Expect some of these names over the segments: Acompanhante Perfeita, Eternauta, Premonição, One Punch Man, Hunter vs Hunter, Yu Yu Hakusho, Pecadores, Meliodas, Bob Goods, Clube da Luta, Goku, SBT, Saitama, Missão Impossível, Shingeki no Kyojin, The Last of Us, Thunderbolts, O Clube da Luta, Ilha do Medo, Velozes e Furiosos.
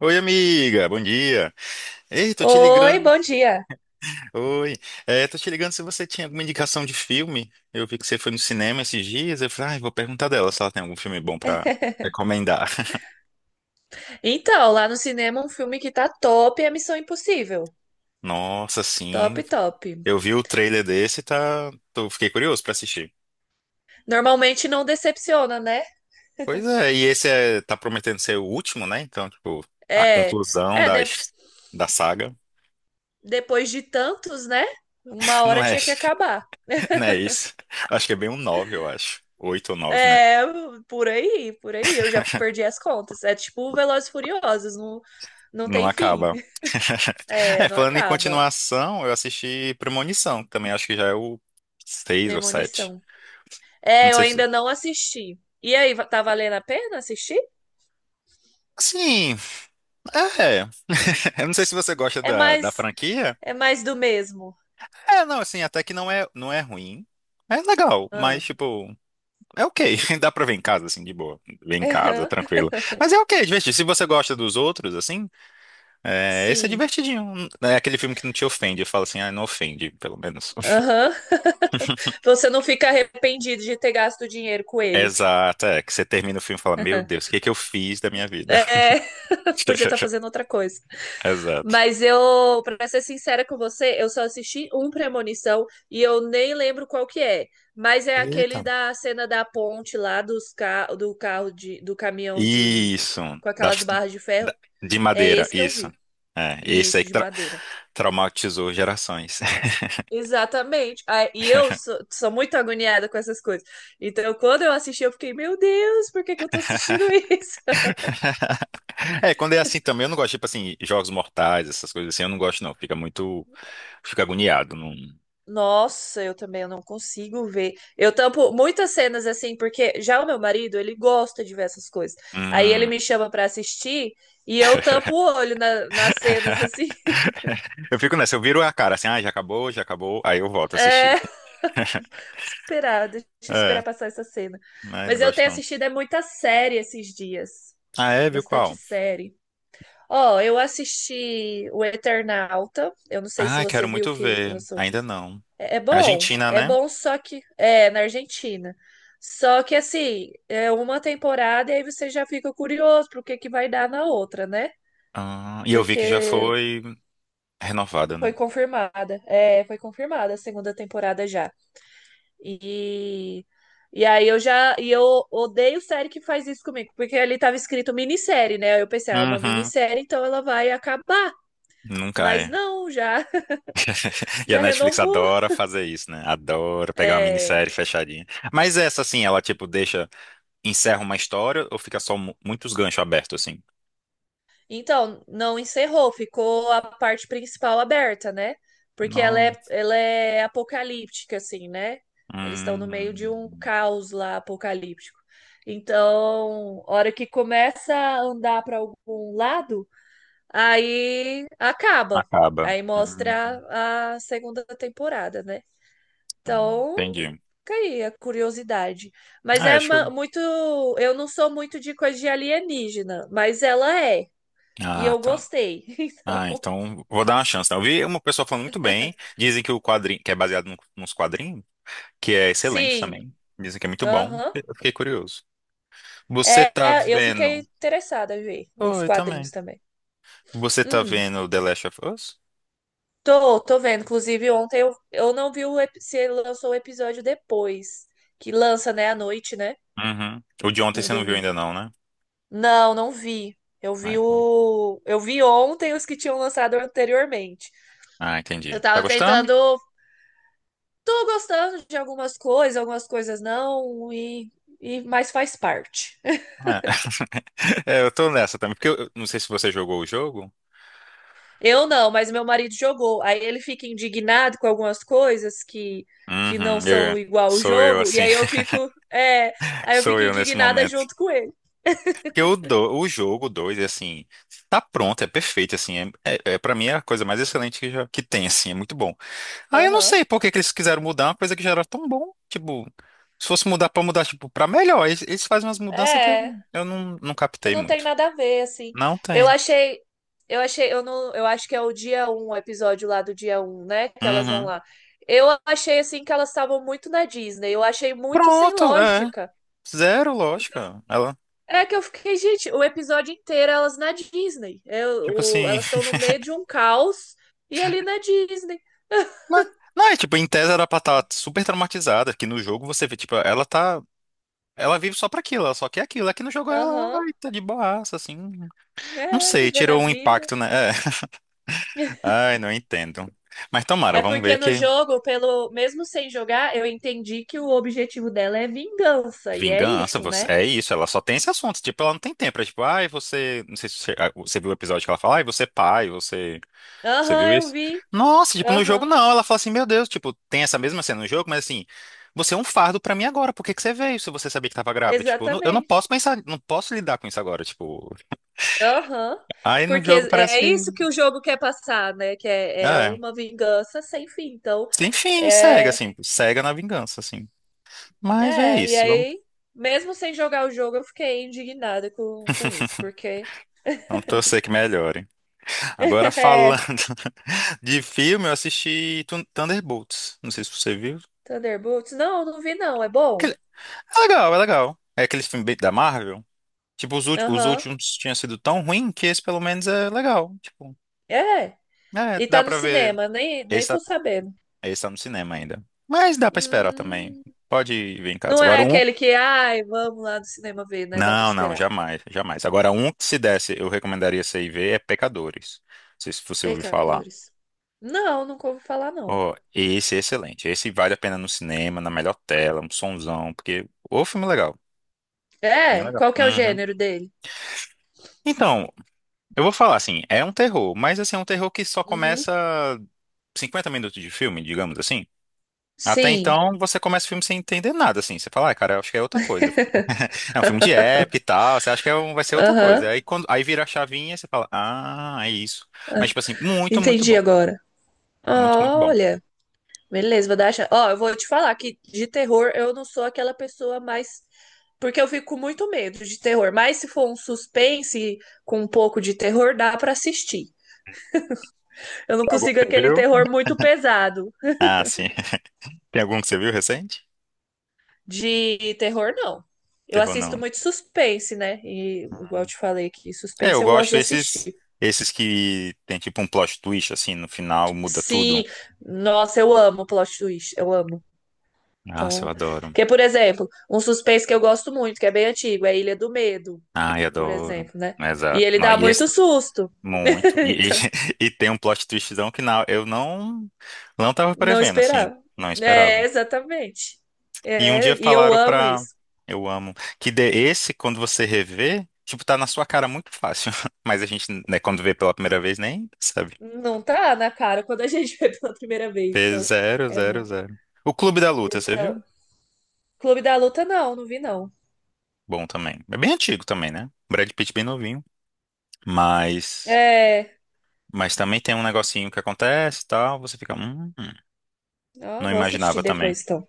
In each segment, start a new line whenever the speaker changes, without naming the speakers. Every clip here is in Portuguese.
Oi, amiga, bom dia. Ei, tô te ligando.
Oi, bom dia.
Oi. É, tô te ligando se você tinha alguma indicação de filme. Eu vi que você foi no cinema esses dias. Eu falei, ah, vou perguntar dela se ela tem algum filme bom pra recomendar.
Então, lá no cinema, um filme que tá top é Missão Impossível.
Nossa,
Top,
sim.
top.
Eu vi o trailer desse e fiquei curioso pra assistir.
Normalmente não decepciona, né?
Pois é, tá prometendo ser o último, né? Então, tipo, a
É,
conclusão
é
da,
de-
his- da saga.
Depois de tantos, né? Uma
Não
hora
é...
tinha que acabar.
não é isso. Acho que é bem um 9, eu acho. Oito ou nove, né?
É, por aí, por aí. Eu já perdi as contas. É tipo Velozes e Furiosos, não, não
Não
tem fim.
acaba.
É,
É,
não
falando em
acaba.
continuação, eu assisti Premonição, que também acho que já é o seis ou sete.
Premonição. É,
Não
eu
sei se.
ainda não assisti. E aí, tá valendo a pena assistir?
Sim, é. Eu não sei se você gosta
É
da
mais,
franquia.
é mais do mesmo.
É, não, assim, até que não é ruim. É legal, mas,
Ah.
tipo, é ok. Dá pra ver em casa, assim, de boa. Ver em casa, tranquilo. Mas é ok, é divertido. Se você gosta dos outros, assim, é, esse é
Sim.
divertidinho. É aquele filme que não te ofende. Fala assim, ah, não ofende, pelo menos.
Aham. Você não fica arrependido de ter gasto dinheiro com ele.
Exato, é que você termina o filme e fala, meu Deus, o que é que eu fiz da minha vida?
É, podia estar fazendo outra coisa.
Exato.
Mas eu, pra ser sincera com você, eu só assisti um Premonição e eu nem lembro qual que é. Mas é aquele
Eita.
da cena da ponte lá dos ca... do carro de... do caminhão de
Isso,
com aquelas
das-
barras de ferro.
da- de
É
madeira,
esse que eu
isso.
vi.
É, esse
Isso,
aí que
de
tra-
madeira.
traumatizou gerações.
Exatamente. Ah, e eu sou, sou muito agoniada com essas coisas. Então, quando eu assisti, eu fiquei, meu Deus, por que que eu tô assistindo isso?
É, quando é assim também, eu não gosto, tipo assim, jogos mortais, essas coisas assim, eu não gosto não, fica agoniado. Não...
Nossa, eu também eu não consigo ver. Eu tampo muitas cenas assim, porque já o meu marido, ele gosta de ver essas coisas. Aí ele
Hum.
me chama pra assistir e eu tampo o olho nas cenas assim.
Eu fico nessa, eu viro a cara assim, ah, já acabou, aí eu volto a assistir.
É, esperar, deixa eu esperar
É,
passar essa cena.
né, não
Mas eu
gosto
tenho
não.
assistido é muita série esses dias.
Ah, é, viu
Bastante
qual?
série. Ó, eu assisti o Eternauta. Eu não sei se
Ah,
você
quero
viu
muito
que
ver.
lançou.
Ainda não. É Argentina,
É
né?
bom, só que é na Argentina. Só que assim, é uma temporada e aí você já fica curioso pro que vai dar na outra, né?
Ah, e eu vi que já
Porque
foi renovada, né?
foi confirmada. É, foi confirmada a segunda temporada já. E e eu odeio série que faz isso comigo, porque ali tava escrito minissérie, né? Eu pensei, ah, é uma
Uhum.
minissérie, então ela vai acabar.
Nunca
Mas
é.
não,
E a
já
Netflix
renovou.
adora fazer isso, né? Adora pegar uma
É.
minissérie fechadinha. Mas essa, assim, ela, tipo, encerra uma história ou fica só muitos ganchos abertos, assim?
Então, não encerrou, ficou a parte principal aberta, né? Porque
Não.
ela é apocalíptica, assim, né? Eles estão no meio de um
Hum,
caos lá apocalíptico. Então, hora que começa a andar para algum lado, aí acaba.
acaba.
Aí mostra a segunda temporada, né? Então,
Entendi.
fica aí a curiosidade. Mas
Ah, eu
é
acho que... eu-
muito. Eu não sou muito de coisa de alienígena, mas ela é. E
ah,
eu
tá.
gostei.
Ah, então vou dar uma chance, né? Eu vi uma pessoa falando muito bem. Dizem que o quadrinho, que é baseado nos quadrinhos, que é excelente
Sim.
também. Dizem que é muito bom.
Aham.
Eu fiquei curioso. Você tá
Eu fiquei
vendo?
interessada em ver os
Oi,
quadrinhos
também.
também.
Você tá
Hum,
vendo The Last of Us?
tô vendo. Inclusive, ontem eu não vi se lançou o episódio depois. Que lança, né, à noite, né?
Uhum. O de ontem
No
você não viu
domingo.
ainda não, né?
Não, não vi. Eu
Ah,
vi
então.
o. Eu vi ontem os que tinham lançado anteriormente.
Ah,
Eu
entendi. Tá
tava
gostando?
tentando Tô gostando de algumas coisas não, mas faz parte.
É. É, eu tô nessa também, porque eu não sei se você jogou o jogo.
Eu não, mas meu marido jogou. Aí ele fica indignado com algumas coisas que não
Uhum,
são igual o
sou eu
jogo, e
assim,
aí eu fico, é, aí eu
sou
fico
eu nesse
indignada
momento.
junto com ele.
Porque o jogo 2 assim, tá pronto, é perfeito, assim, é para mim é a coisa mais excelente que, já, que tem, assim, é muito bom. Aí eu não
Aham.
sei por que que eles quiseram mudar uma coisa que já era tão bom, tipo, se fosse mudar pra mudar, tipo, pra melhor, eles fazem umas mudanças que eu,
É,
eu não
que
captei
não tem
muito.
nada a ver assim.
Não
Eu
tem.
achei eu achei, eu não, eu acho que é o dia um, o episódio lá do dia um, né, que elas vão
Uhum.
lá. Eu achei assim que elas estavam muito na Disney. Eu achei muito sem
Pronto, é.
lógica.
Zero lógica. Ela,
É que eu fiquei, gente, o episódio inteiro elas na Disney.
tipo assim.
Elas estão no meio de um caos e ali na Disney.
Não, não, é tipo, em tese era pra estar super traumatizada, que no jogo você vê, tipo, ela tá. Ela vive só pra aquilo, ela só quer aquilo. Aqui no jogo ela
Aham.
ai, tá de boaça, assim. Não
É,
sei,
viver na
tirou um
vida.
impacto, né? É. Ai, não entendo. Mas tomara,
É
vamos
porque
ver
no
que
jogo, pelo mesmo sem jogar, eu entendi que o objetivo dela é vingança. E é
vingança,
isso,
você...
né?
é isso, ela só tem esse assunto, tipo, ela não tem tempo, é tipo, ai, você, não sei se você, ah, você viu o episódio que ela fala, ai, você é pai, você
Aham,
viu
eu
isso?
vi.
Nossa, tipo, no jogo
Aham,
não, ela fala assim, meu Deus, tipo, tem essa mesma cena no jogo, mas assim, você é um fardo pra mim agora, por que que você veio se você sabia que tava grávida? Tipo, eu não
exatamente.
posso pensar, não posso lidar com isso agora, tipo,
Aham.
aí no
Porque
jogo parece
é isso
que,
que o jogo quer passar, né? Que é
é,
uma vingança sem fim. Então,
enfim, cega,
é,
assim, cega na vingança, assim. Mas é
é, e
isso.
aí, mesmo sem jogar o jogo, eu fiquei indignada com isso, porque.
Vamos torcer que melhore. Agora,
É,
falando de filme, eu assisti Thunderbolts. Não sei se você viu.
Thunderbolts? Não, não vi, não. É bom?
Aquele- É legal, é legal. É aquele filme bem da Marvel. Tipo, os
Aham.
últimos tinham sido tão ruim que esse pelo menos é legal. Tipo,
É.
é,
E
dá
tá no
pra ver.
cinema, nem
Esse
tô
tá,
sabendo.
esse tá no cinema ainda. Mas dá pra esperar também.
Hum,
Pode ver em casa.
não é
Agora, um.
aquele que, ai, vamos lá no cinema ver, né? Dá pra
Não, não,
esperar.
jamais, jamais. Agora, um que se desse, eu recomendaria você ir ver é Pecadores. Não sei se você ouviu falar.
Pecadores? Não, nunca ouvi falar, não.
Ó, esse é excelente. Esse vale a pena no cinema, na melhor tela, um sonzão, porque o filme é legal. Filme é
É?
legal.
Qual que é o
Uhum.
gênero dele?
Então, eu vou falar assim, é um terror, mas assim, é um terror que só
Uhum.
começa 50 minutos de filme, digamos assim. Até
Sim.
então, você começa o filme sem entender nada, assim. Você fala, ah, cara, eu acho que é outra coisa. É um filme de época e tal, você acha que é vai ser outra coisa.
Aham.
Aí vira a chavinha, você fala, ah, é isso. Mas, tipo assim, muito, muito
Entendi
bom.
agora.
Muito, muito bom.
Olha. Beleza, vou dar a chance. Ó, eu vou te falar que de terror eu não sou aquela pessoa mais. Porque eu fico com muito medo de terror. Mas se for um suspense com um pouco de terror, dá pra assistir. Eu não
Tem algum
consigo
que você
aquele
viu?
terror muito pesado.
Ah, sim. Tem algum que você viu recente?
De terror, não. Eu
Terror
assisto
não, né?
muito suspense, né? E igual eu te falei que
É, eu
suspense eu gosto
gosto
de
esses
assistir.
esses que tem tipo um plot twist assim no final, muda tudo.
Sim, nossa, eu amo plot twist, eu amo.
Nossa, eu
Então,
adoro.
que por exemplo, um suspense que eu gosto muito, que é bem antigo, é Ilha do Medo.
Ai,
Por
adoro.
exemplo, né? E
Exato.
ele
Não,
dá
e esse
muito susto.
muito. E,
Então,
e tem um plot twistzão que não, eu não tava
não
prevendo assim,
esperava.
não
É,
esperava.
exatamente.
E um
É,
dia
e eu
falaram
amo
pra
isso.
eu amo que dê esse quando você rever, tipo tá na sua cara muito fácil, mas a gente, né, quando vê pela primeira vez nem sabe.
Não tá na cara quando a gente vê pela primeira vez.
P
Então,
zero
é
zero
bom.
zero. O Clube da Luta, você
Então,
viu?
Clube da Luta, não, não vi, não.
Bom também. É bem antigo também, né? Brad Pitt bem novinho. Mas,
É.
mas também tem um negocinho que acontece e tal. Você fica.
Ó,
Não
vou assistir
imaginava também.
depois, então.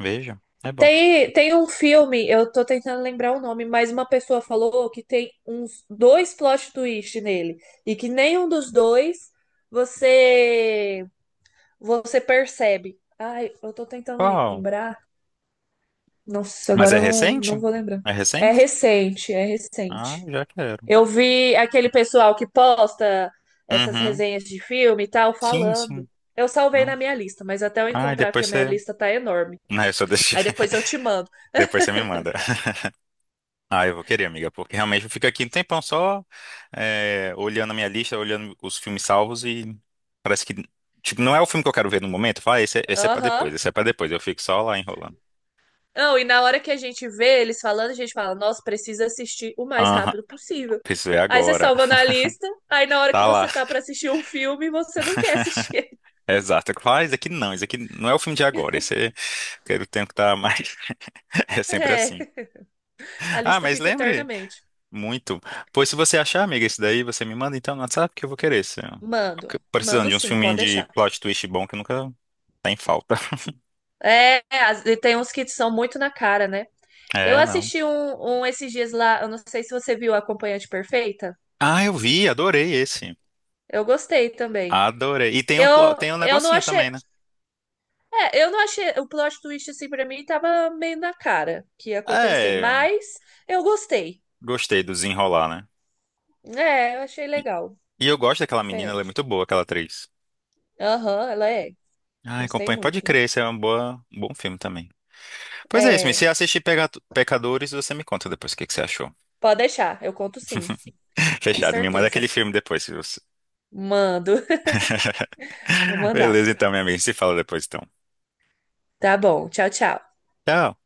Veja, é bom.
Tem um filme, eu tô tentando lembrar o nome, mas uma pessoa falou que tem uns dois plot twist nele. E que nenhum dos dois você você percebe. Ai, eu tô tentando
Qual?
lembrar. Nossa,
Mas
agora
é
eu não, não
recente?
vou lembrar.
É recente?
É
Ah,
recente.
já quero.
Eu vi aquele pessoal que posta essas
Uhum.
resenhas de filme e tal
Sim,
falando.
sim.
Eu salvei
Ah,
na minha lista, mas até eu
ah, e
encontrar, porque
depois
a minha
você.
lista tá enorme.
Não, eu só deixei.
Aí depois eu te mando.
Depois você me manda. Ah, eu vou querer, amiga, porque realmente eu fico aqui um tempão só olhando a minha lista, olhando os filmes salvos e parece que, tipo, não é o filme que eu quero ver no momento. Fala, ah, esse é pra
Aham.
depois, esse é pra depois. Eu fico só lá enrolando.
Não, e na hora que a gente vê eles falando, a gente fala, nossa, precisa assistir o mais
Aham,
rápido possível.
preciso ver
Aí você
agora.
salva na lista, aí na hora que
Tá lá,
você tá pra assistir um filme, você não quer assistir.
exato. Eu falo, ah, esse aqui não é o filme de agora. Esse é, quero tempo que tá mais. É sempre assim.
É. A
Ah,
lista
mas
fica
lembre
eternamente.
muito. Pois se você achar, amiga, esse daí, você me manda então no WhatsApp que eu vou querer.
Mando.
Precisando
Mando
de uns
sim, pode
filminhos de
deixar.
plot twist bom que nunca tá em falta.
É, e tem uns que são muito na cara, né? Eu
É, não.
assisti um esses dias lá, eu não sei se você viu Acompanhante Perfeita.
Ah, eu vi, adorei esse.
Eu gostei também.
Adorei. E tem um, plo-
Eu,
tem um
eu não
negocinho
achei.
também, né?
É, eu não achei. O plot twist, assim, pra mim, tava meio na cara que ia acontecer.
É,
Mas eu gostei.
gostei do desenrolar, né?
É, eu achei
E,
legal.
eu gosto daquela menina, ela é
Diferente.
muito boa, aquela atriz.
Aham, ela é.
Ai,
Gostei
companhia, pode
muito.
crer, esse é um, boa, um bom filme também. Pois é isso, mas
É,
se assistir Pecadores, você me conta depois o que, que você achou.
pode deixar. Eu conto sim, com
Fechado, me manda
certeza.
aquele filme depois. Se você...
Mando. Vou mandar.
Beleza, então, minha amiga, se fala depois, então.
Tá bom. Tchau, tchau.
Tchau.